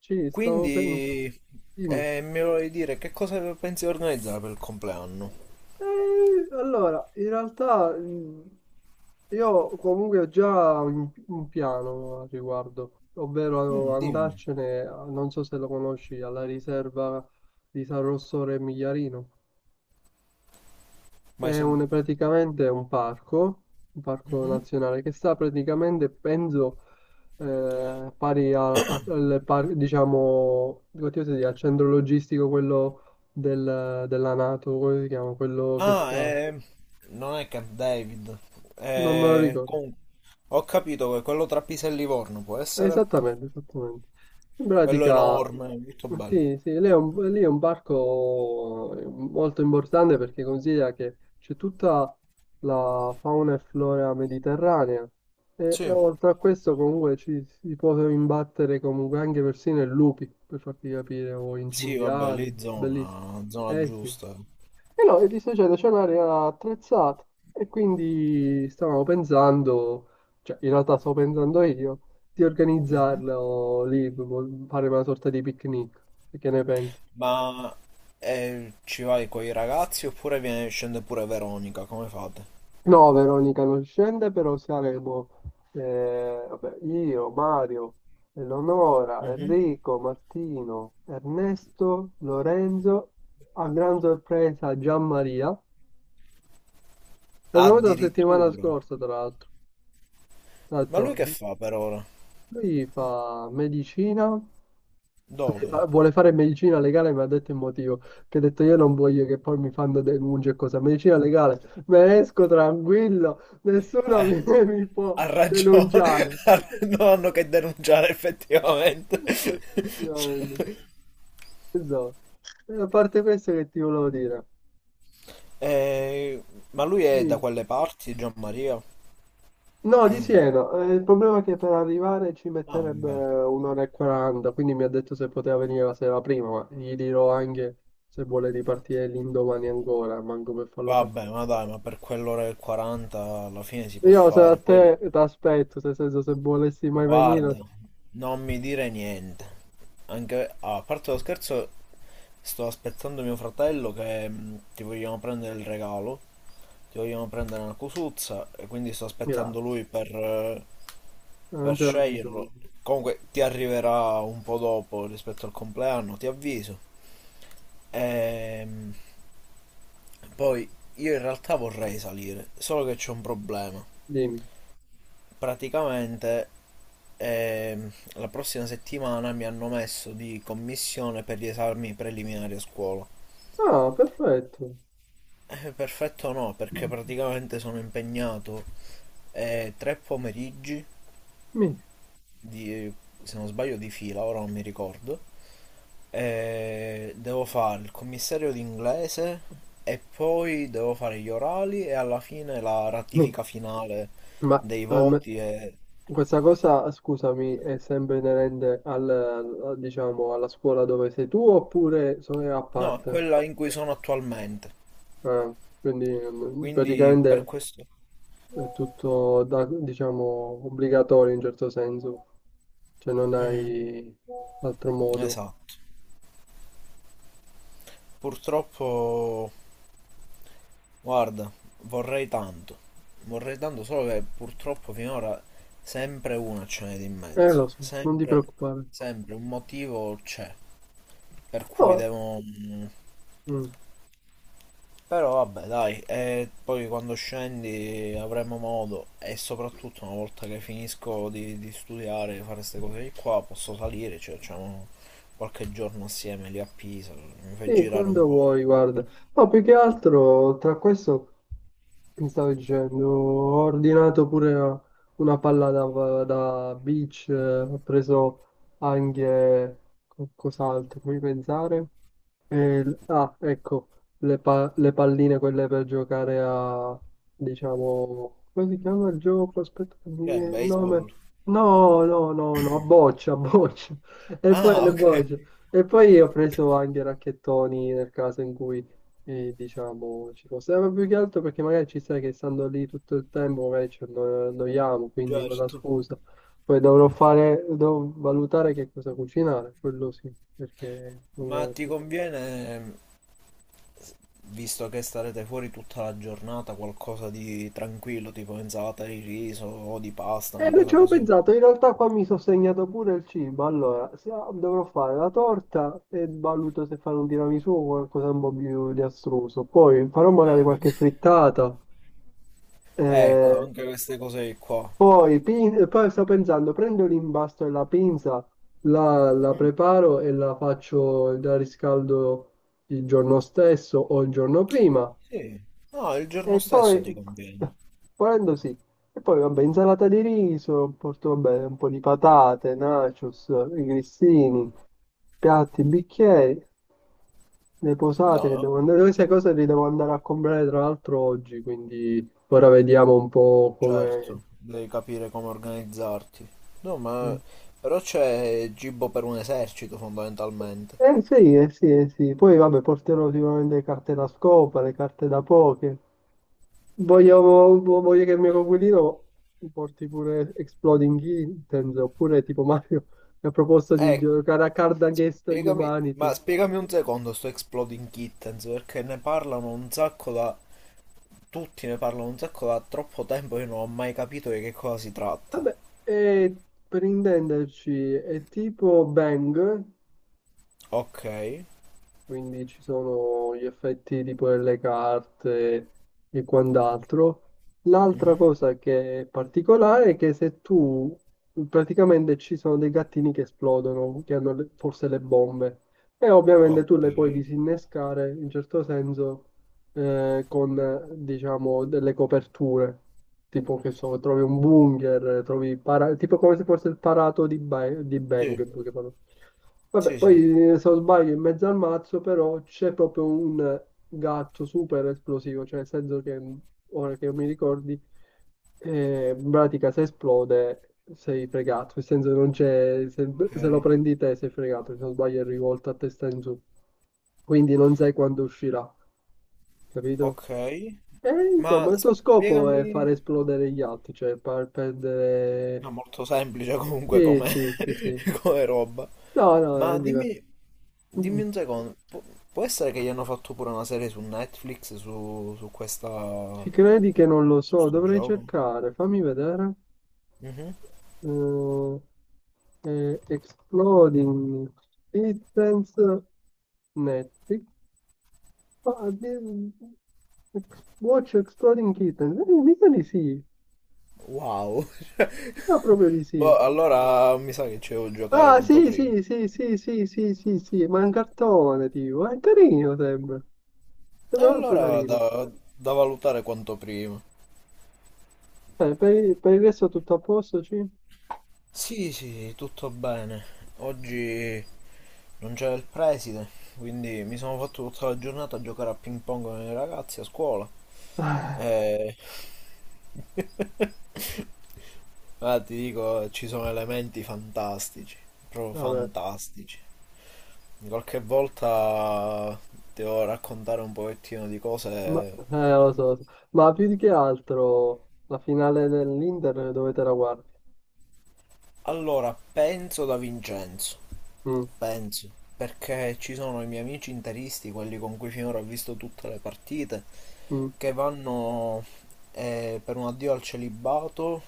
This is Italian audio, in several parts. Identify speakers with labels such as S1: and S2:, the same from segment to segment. S1: Sì, stavo pensando.
S2: Quindi
S1: Dimmi.
S2: mi volevi dire che cosa pensi di organizzare per il compleanno?
S1: Eh, allora, in realtà io comunque ho già un piano al riguardo, ovvero
S2: Mm, dimmi.
S1: andarcene, non so se lo conosci, alla riserva di San Rossore e Migliarino.
S2: Mai sen-
S1: Praticamente un parco
S2: Mhm.
S1: nazionale che sta praticamente, penso, pari a- a- al, par- diciamo, come ti posso dire, al centro logistico, quello della NATO, come si chiama? Quello che
S2: Ah,
S1: sta,
S2: non è Camp David.
S1: non me lo ricordo.
S2: Con- Ho capito che quello tra Pisa e Livorno può essere.
S1: Esattamente, esattamente. In
S2: Quello
S1: pratica,
S2: enorme, molto bello.
S1: sì, sì, lì è un parco molto importante perché considera che c'è tutta la fauna e flora mediterranea e
S2: Sì,
S1: oltre a questo comunque ci si può imbattere comunque anche persino in lupi, per farti capire, o in
S2: sì, vabbè,
S1: cinghiali,
S2: lì
S1: bellissimo.
S2: zona, zona
S1: Eh sì,
S2: giusta.
S1: e no, e ti sto dicendo, c'è un'area attrezzata e quindi stavamo pensando, cioè in realtà stavo pensando io, di
S2: Mhm.
S1: organizzarlo lì, proprio fare una sorta di picnic. E che ne pensi?
S2: Ma ci vai con i ragazzi oppure viene- scende pure Veronica? Come fate?
S1: No, Veronica non scende, però saremo vabbè, io, Mario, Eleonora,
S2: Mhm.
S1: Enrico, Martino, Ernesto, Lorenzo, a gran sorpresa Gianmaria. È venuto la settimana
S2: Addirittura.
S1: scorsa, tra l'altro. Tra
S2: Ma lui
S1: l'altro.
S2: che fa per ora?
S1: Lui fa medicina,
S2: Dove?
S1: vuole fare medicina legale, mi ha detto il motivo, che ha detto io non voglio che poi mi fanno denunce e cosa, medicina legale, me esco tranquillo, nessuno
S2: Eh,
S1: mi, mi può
S2: Ha ragione,
S1: denunciare.
S2: ha- non hanno che denunciare effettivamente. Cioè,
S1: Effettivamente, esatto. E a parte questo che ti volevo dire,
S2: eh, ma lui è da
S1: dimmi.
S2: quelle parti, Gianmaria?
S1: No, di Siena. Il problema è che per arrivare ci
S2: Ah,
S1: metterebbe
S2: vabbè.
S1: un'ora e quaranta, quindi mi ha detto se poteva venire la sera prima, ma gli dirò anche se vuole ripartire l'indomani ancora, manco per farlo
S2: Vabbè,
S1: partire.
S2: ma dai, ma per quell'ora e 40 alla fine si può
S1: Io se a
S2: fare. Poi
S1: te ti aspetto, nel senso se volessi mai venire,
S2: guarda,
S1: se-
S2: non mi dire niente. Anche ah, a parte lo scherzo, sto aspettando mio fratello che ti vogliamo prendere il regalo. Ti vogliamo prendere una cosuzza e quindi sto aspettando
S1: grazie,
S2: lui
S1: non
S2: per
S1: c'era
S2: sceglierlo.
S1: bisogno.
S2: Comunque ti arriverà un po' dopo rispetto al compleanno, ti avviso. Ehm, Poi io in realtà vorrei salire, solo che c'è un problema.
S1: Dimmi.
S2: Praticamente ehm, la prossima settimana mi hanno messo di commissione per gli esami preliminari a scuola.
S1: Ah, perfetto.
S2: Perfetto no, perché praticamente sono impegnato tre pomeriggi
S1: Mi.
S2: di, se non sbaglio di fila, ora non mi ricordo. Devo fare il commissario d'inglese e poi devo fare gli orali e alla fine la ratifica finale
S1: Ma
S2: dei
S1: alme-
S2: voti e...
S1: questa cosa, scusami, è sempre inerente al, diciamo, alla scuola dove sei tu oppure è a
S2: No,
S1: parte?
S2: quella in cui sono attualmente.
S1: Ah, quindi
S2: Quindi per
S1: praticamente
S2: questo...
S1: è tutto, diciamo, obbligatorio in certo senso, cioè non
S2: Mm,
S1: hai altro modo.
S2: esatto. Purtroppo, guarda, vorrei tanto. Vorrei tanto, solo che purtroppo finora sempre una ce n'è di mezzo.
S1: Lo so, non ti
S2: Sempre,
S1: preoccupare.
S2: sempre un motivo c'è per cui
S1: No,
S2: devo... mm,
S1: mm,
S2: però vabbè, dai, e poi quando scendi avremo modo e soprattutto una volta che finisco di studiare, di fare queste cose di qua, posso salire, cioè facciamo qualche giorno assieme lì a Pisa, mi fai
S1: sì,
S2: girare
S1: quando
S2: un po'.
S1: vuoi, guarda. No, più che altro tra questo. Mi stavo dicendo, ho ordinato pure una palla da, da beach, ho preso anche cos'altro, fammi pensare. Ah, ecco, le palline quelle per giocare a, diciamo, come si chiama il gioco? Aspetta che mi
S2: Che è
S1: viene il nome.
S2: baseball?
S1: No, no, no, no, a boccia, a boccia. E poi
S2: Ah,
S1: le
S2: ok,
S1: bocce. E poi ho preso anche racchettoni nel caso in cui, diciamo, ci fosse. Ma più che altro perché magari ci sai che stando lì tutto il tempo, magari annoiamo, quindi con la
S2: certo.
S1: scusa. Poi dovrò fare, devo valutare che cosa cucinare, quello sì, perché non
S2: Ma
S1: ho.
S2: ti conviene, visto che starete fuori tutta la giornata, qualcosa di tranquillo, tipo insalata di riso o di pasta, una
S1: Non
S2: cosa
S1: ci avevo
S2: così?
S1: pensato, in realtà qua mi sono segnato pure il cibo, allora se- dovrò fare la torta e valuto se fare un tiramisù o qualcosa un po' più di astruso, poi farò magari
S2: Ah.
S1: qualche frittata,
S2: Ecco,
S1: eh,
S2: anche queste cose qua.
S1: poi, poi sto pensando, prendo l'imbasto e la pinza, la
S2: Mm,
S1: preparo e la faccio, la riscaldo il giorno stesso o il giorno prima
S2: sì, no, il giorno
S1: e
S2: stesso
S1: poi,
S2: ti conviene.
S1: volendo sì, e poi vabbè, insalata di riso, porto vabbè, un po' di patate, nachos, i grissini, piatti, bicchieri, le posate che devo
S2: No,
S1: andare, queste cose le devo andare a comprare tra l'altro oggi, quindi ora vediamo un po' come...
S2: certo, devi capire come organizzarti. No, ma però c'è cibo per un esercito fondamentalmente.
S1: Eh sì, eh sì, eh sì. Poi vabbè, porterò sicuramente le carte da scopa, le carte da poker. Voglio che il mio coinquilino porti pure Exploding Kittens, oppure tipo Mario mi ha proposto di
S2: Ecco,
S1: giocare a Card Against
S2: spiegami, ma
S1: Humanity.
S2: spiegami un secondo sto Exploding Kittens perché ne parlano un sacco da tutti ne parlano un sacco da troppo tempo, io non ho mai capito di che cosa si tratta.
S1: Vabbè, e per intenderci è tipo Bang,
S2: Ok.
S1: quindi ci sono gli effetti tipo delle carte e quant'altro. L'altra
S2: Mhm.
S1: cosa che è particolare è che se tu praticamente ci sono dei gattini che esplodono, che hanno le- forse le bombe, e ovviamente
S2: Ok.
S1: tu le puoi disinnescare in certo senso con diciamo delle coperture. Tipo che so, trovi un bunker, trovi tipo come se fosse il parato di, di Bang,
S2: Sì,
S1: in poche parole. Vabbè,
S2: sì, sì.
S1: poi se non sbaglio in mezzo al mazzo però c'è proprio un gatto super esplosivo, cioè nel senso che ora che mi ricordi, in pratica se esplode sei fregato, nel senso che non c'è, se lo
S2: Ok,
S1: prendi te sei fregato, se non sbaglio è rivolto a testa in su, quindi non sai quando uscirà, capito?
S2: ok.
S1: E
S2: Ma
S1: insomma il tuo scopo è
S2: spiegami,
S1: far esplodere gli altri, cioè far
S2: no,
S1: perdere...
S2: molto semplice comunque
S1: Sì,
S2: come,
S1: sì, sì, sì.
S2: come roba.
S1: No, no, è
S2: Ma
S1: diverso.
S2: dimmi, dimmi un secondo, pu- può essere che gli hanno fatto pure una serie su Netflix su questa,
S1: Ci credi che non lo
S2: su
S1: so,
S2: sto
S1: dovrei
S2: gioco?
S1: cercare, fammi vedere.
S2: Mhm.
S1: Eh, Exploding Kittens Netflix. Ah, Watch Exploding Kittens. Mica di sì,
S2: Wow.
S1: mica proprio di
S2: Boh,
S1: sì.
S2: allora mi sa che ci devo giocare
S1: Ah,
S2: quanto
S1: sì,
S2: prima.
S1: sì, sì, sì, sì, sì, sì, sì, ma è un cartone, tipo. È carino, sembra.
S2: E
S1: Sembra molto
S2: allora
S1: carino.
S2: da, da valutare quanto prima.
S1: Il per il resto tutto a posto, sì?
S2: Sì, sì, tutto bene. Oggi non c'era il preside, quindi mi sono fatto tutta la giornata a giocare a ping pong con i ragazzi a scuola. E... Ma ti dico, ci sono elementi fantastici, proprio
S1: Ah, vabbè.
S2: fantastici. Qualche volta devo raccontare un pochettino di
S1: Ma,
S2: cose.
S1: lo so, lo so. Ma più di che altro la finale dell'Inter dove te la guardi?
S2: Allora, penso da Vincenzo.
S1: Mm,
S2: Penso, perché ci sono i miei amici interisti, quelli con cui finora ho visto tutte le partite,
S1: mm.
S2: che vanno per un addio al celibato,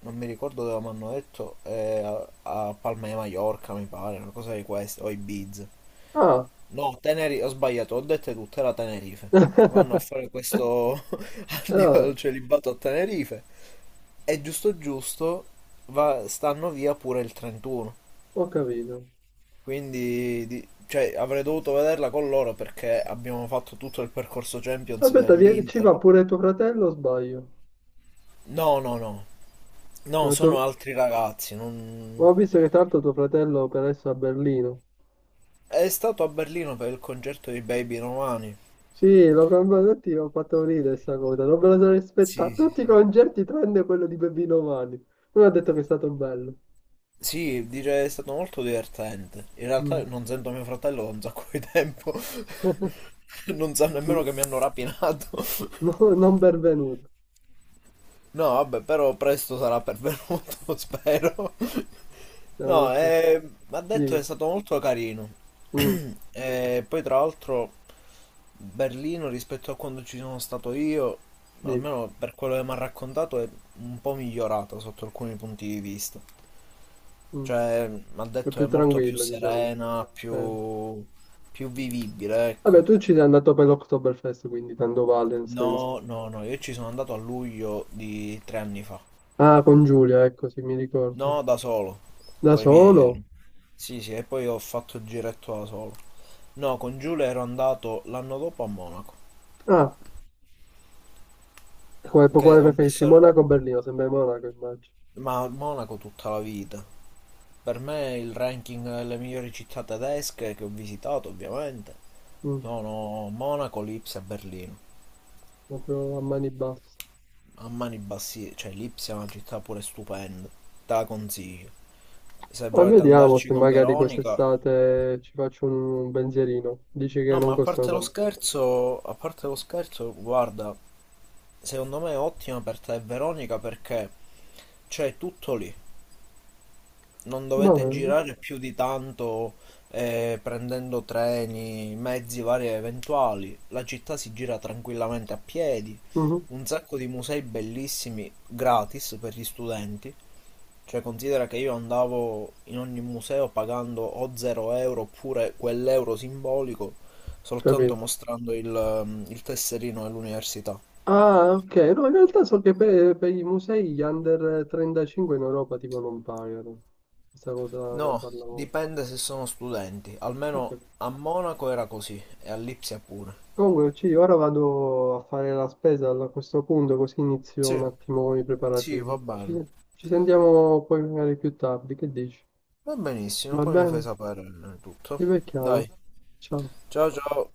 S2: non mi ricordo dove mi hanno detto, a Palma di Mallorca mi pare, una cosa di queste, o Ibiza.
S1: Ah,
S2: No, Tenerife, ho sbagliato, ho detto tutte, era Tenerife. Vanno a fare questo addio
S1: Vabbè,
S2: al celibato a Tenerife. E giusto giusto va- stanno via pure il 31.
S1: ho capito.
S2: Quindi di- cioè, avrei dovuto vederla con loro perché abbiamo fatto tutto il percorso Champions
S1: Aspetta, ci
S2: dell'Inter.
S1: va pure tuo fratello o sbaglio?
S2: No, no, no. No,
S1: Eh,
S2: sono
S1: tuo-
S2: altri ragazzi. Non-
S1: Ho visto che tanto tuo fratello per adesso è a Berlino.
S2: è stato a Berlino per il concerto di Baby Romani.
S1: Sì, l'ho cambiato, tutti ho fatto ridere questa cosa, non me la sono aspettata.
S2: Sì, sì,
S1: Tutti i
S2: sì.
S1: concerti tranne quello di Bebino Mani. Lui ha detto che è stato bello.
S2: Sì, dice è stato molto divertente. In
S1: Mm.
S2: realtà non sento mio fratello da un sacco di tempo. Non sa nemmeno
S1: Dici,
S2: che mi hanno rapinato.
S1: no, non benvenuto.
S2: No, vabbè, però presto sarà pervenuto, spero.
S1: Siamo
S2: No,
S1: qui.
S2: ha detto che è
S1: Dimmi,
S2: stato molto carino.
S1: mm,
S2: E poi tra l'altro Berlino rispetto a quando ci sono stato io,
S1: dimmi.
S2: almeno per quello che mi ha raccontato, è un po' migliorata sotto alcuni punti di vista.
S1: Mm,
S2: Cioè, mi ha
S1: è
S2: detto che
S1: più
S2: è molto più
S1: tranquilla, diciamo.
S2: serena,
S1: Eh.
S2: più, più vivibile,
S1: Vabbè,
S2: ecco.
S1: tu ci sei andato per l'Oktoberfest, quindi tanto vale, nel
S2: No,
S1: senso.
S2: no, no, io ci sono andato a luglio di 3 anni fa.
S1: Ah, con Giulia, ecco, sì, mi ricordo.
S2: No, da solo,
S1: Da
S2: con i miei ero.
S1: solo?
S2: Sì, sì, e poi ho fatto il giretto da solo. No, con Giulia ero andato l'anno dopo a Monaco,
S1: Ah, quale,
S2: che
S1: quale
S2: ho
S1: preferisci?
S2: messo...
S1: Monaco o Berlino? Sembra Monaco, immagino.
S2: Ma a Monaco tutta la vita. Per me il ranking delle migliori città tedesche che ho visitato, ovviamente,
S1: Mm,
S2: sono Monaco, Lipsia e Berlino.
S1: proprio a mani basse.
S2: A mani bassine, cioè Lipsia è una città pure stupenda, te la consiglio. Se
S1: Ma
S2: volete
S1: vediamo
S2: andarci
S1: se
S2: con
S1: magari
S2: Veronica...
S1: quest'estate ci faccio un pensierino. Dici che
S2: No,
S1: non
S2: ma a
S1: costano
S2: parte lo
S1: tanto.
S2: scherzo, a parte lo scherzo, guarda, secondo me è ottima per te, e Veronica, perché c'è tutto lì. Non
S1: Va
S2: dovete
S1: bene.
S2: girare più di tanto prendendo treni, mezzi vari e eventuali. La città si gira tranquillamente a piedi.
S1: Mhm,
S2: Un sacco di musei bellissimi gratis per gli studenti. Cioè, considera che io andavo in ogni museo pagando o 0 euro oppure quell'euro simbolico soltanto
S1: capito.
S2: mostrando il tesserino dell'università.
S1: Ah, ok. No, in realtà so che per i musei gli under 35 in Europa tipo non pagano. Questa cosa ne
S2: No,
S1: parlavamo.
S2: dipende se sono studenti. Almeno
S1: Ok.
S2: a Monaco era così e a Lipsia pure.
S1: Comunque, sì, ora vado a fare la spesa a questo punto, così inizio
S2: Sì,
S1: un attimo con i
S2: sì, va
S1: preparativi.
S2: bene.
S1: Ci sentiamo poi magari più tardi, che dici?
S2: Va benissimo,
S1: Va
S2: poi mi fai
S1: bene?
S2: sapere tutto.
S1: Ci becchiamo.
S2: Dai,
S1: Ciao.
S2: ciao ciao.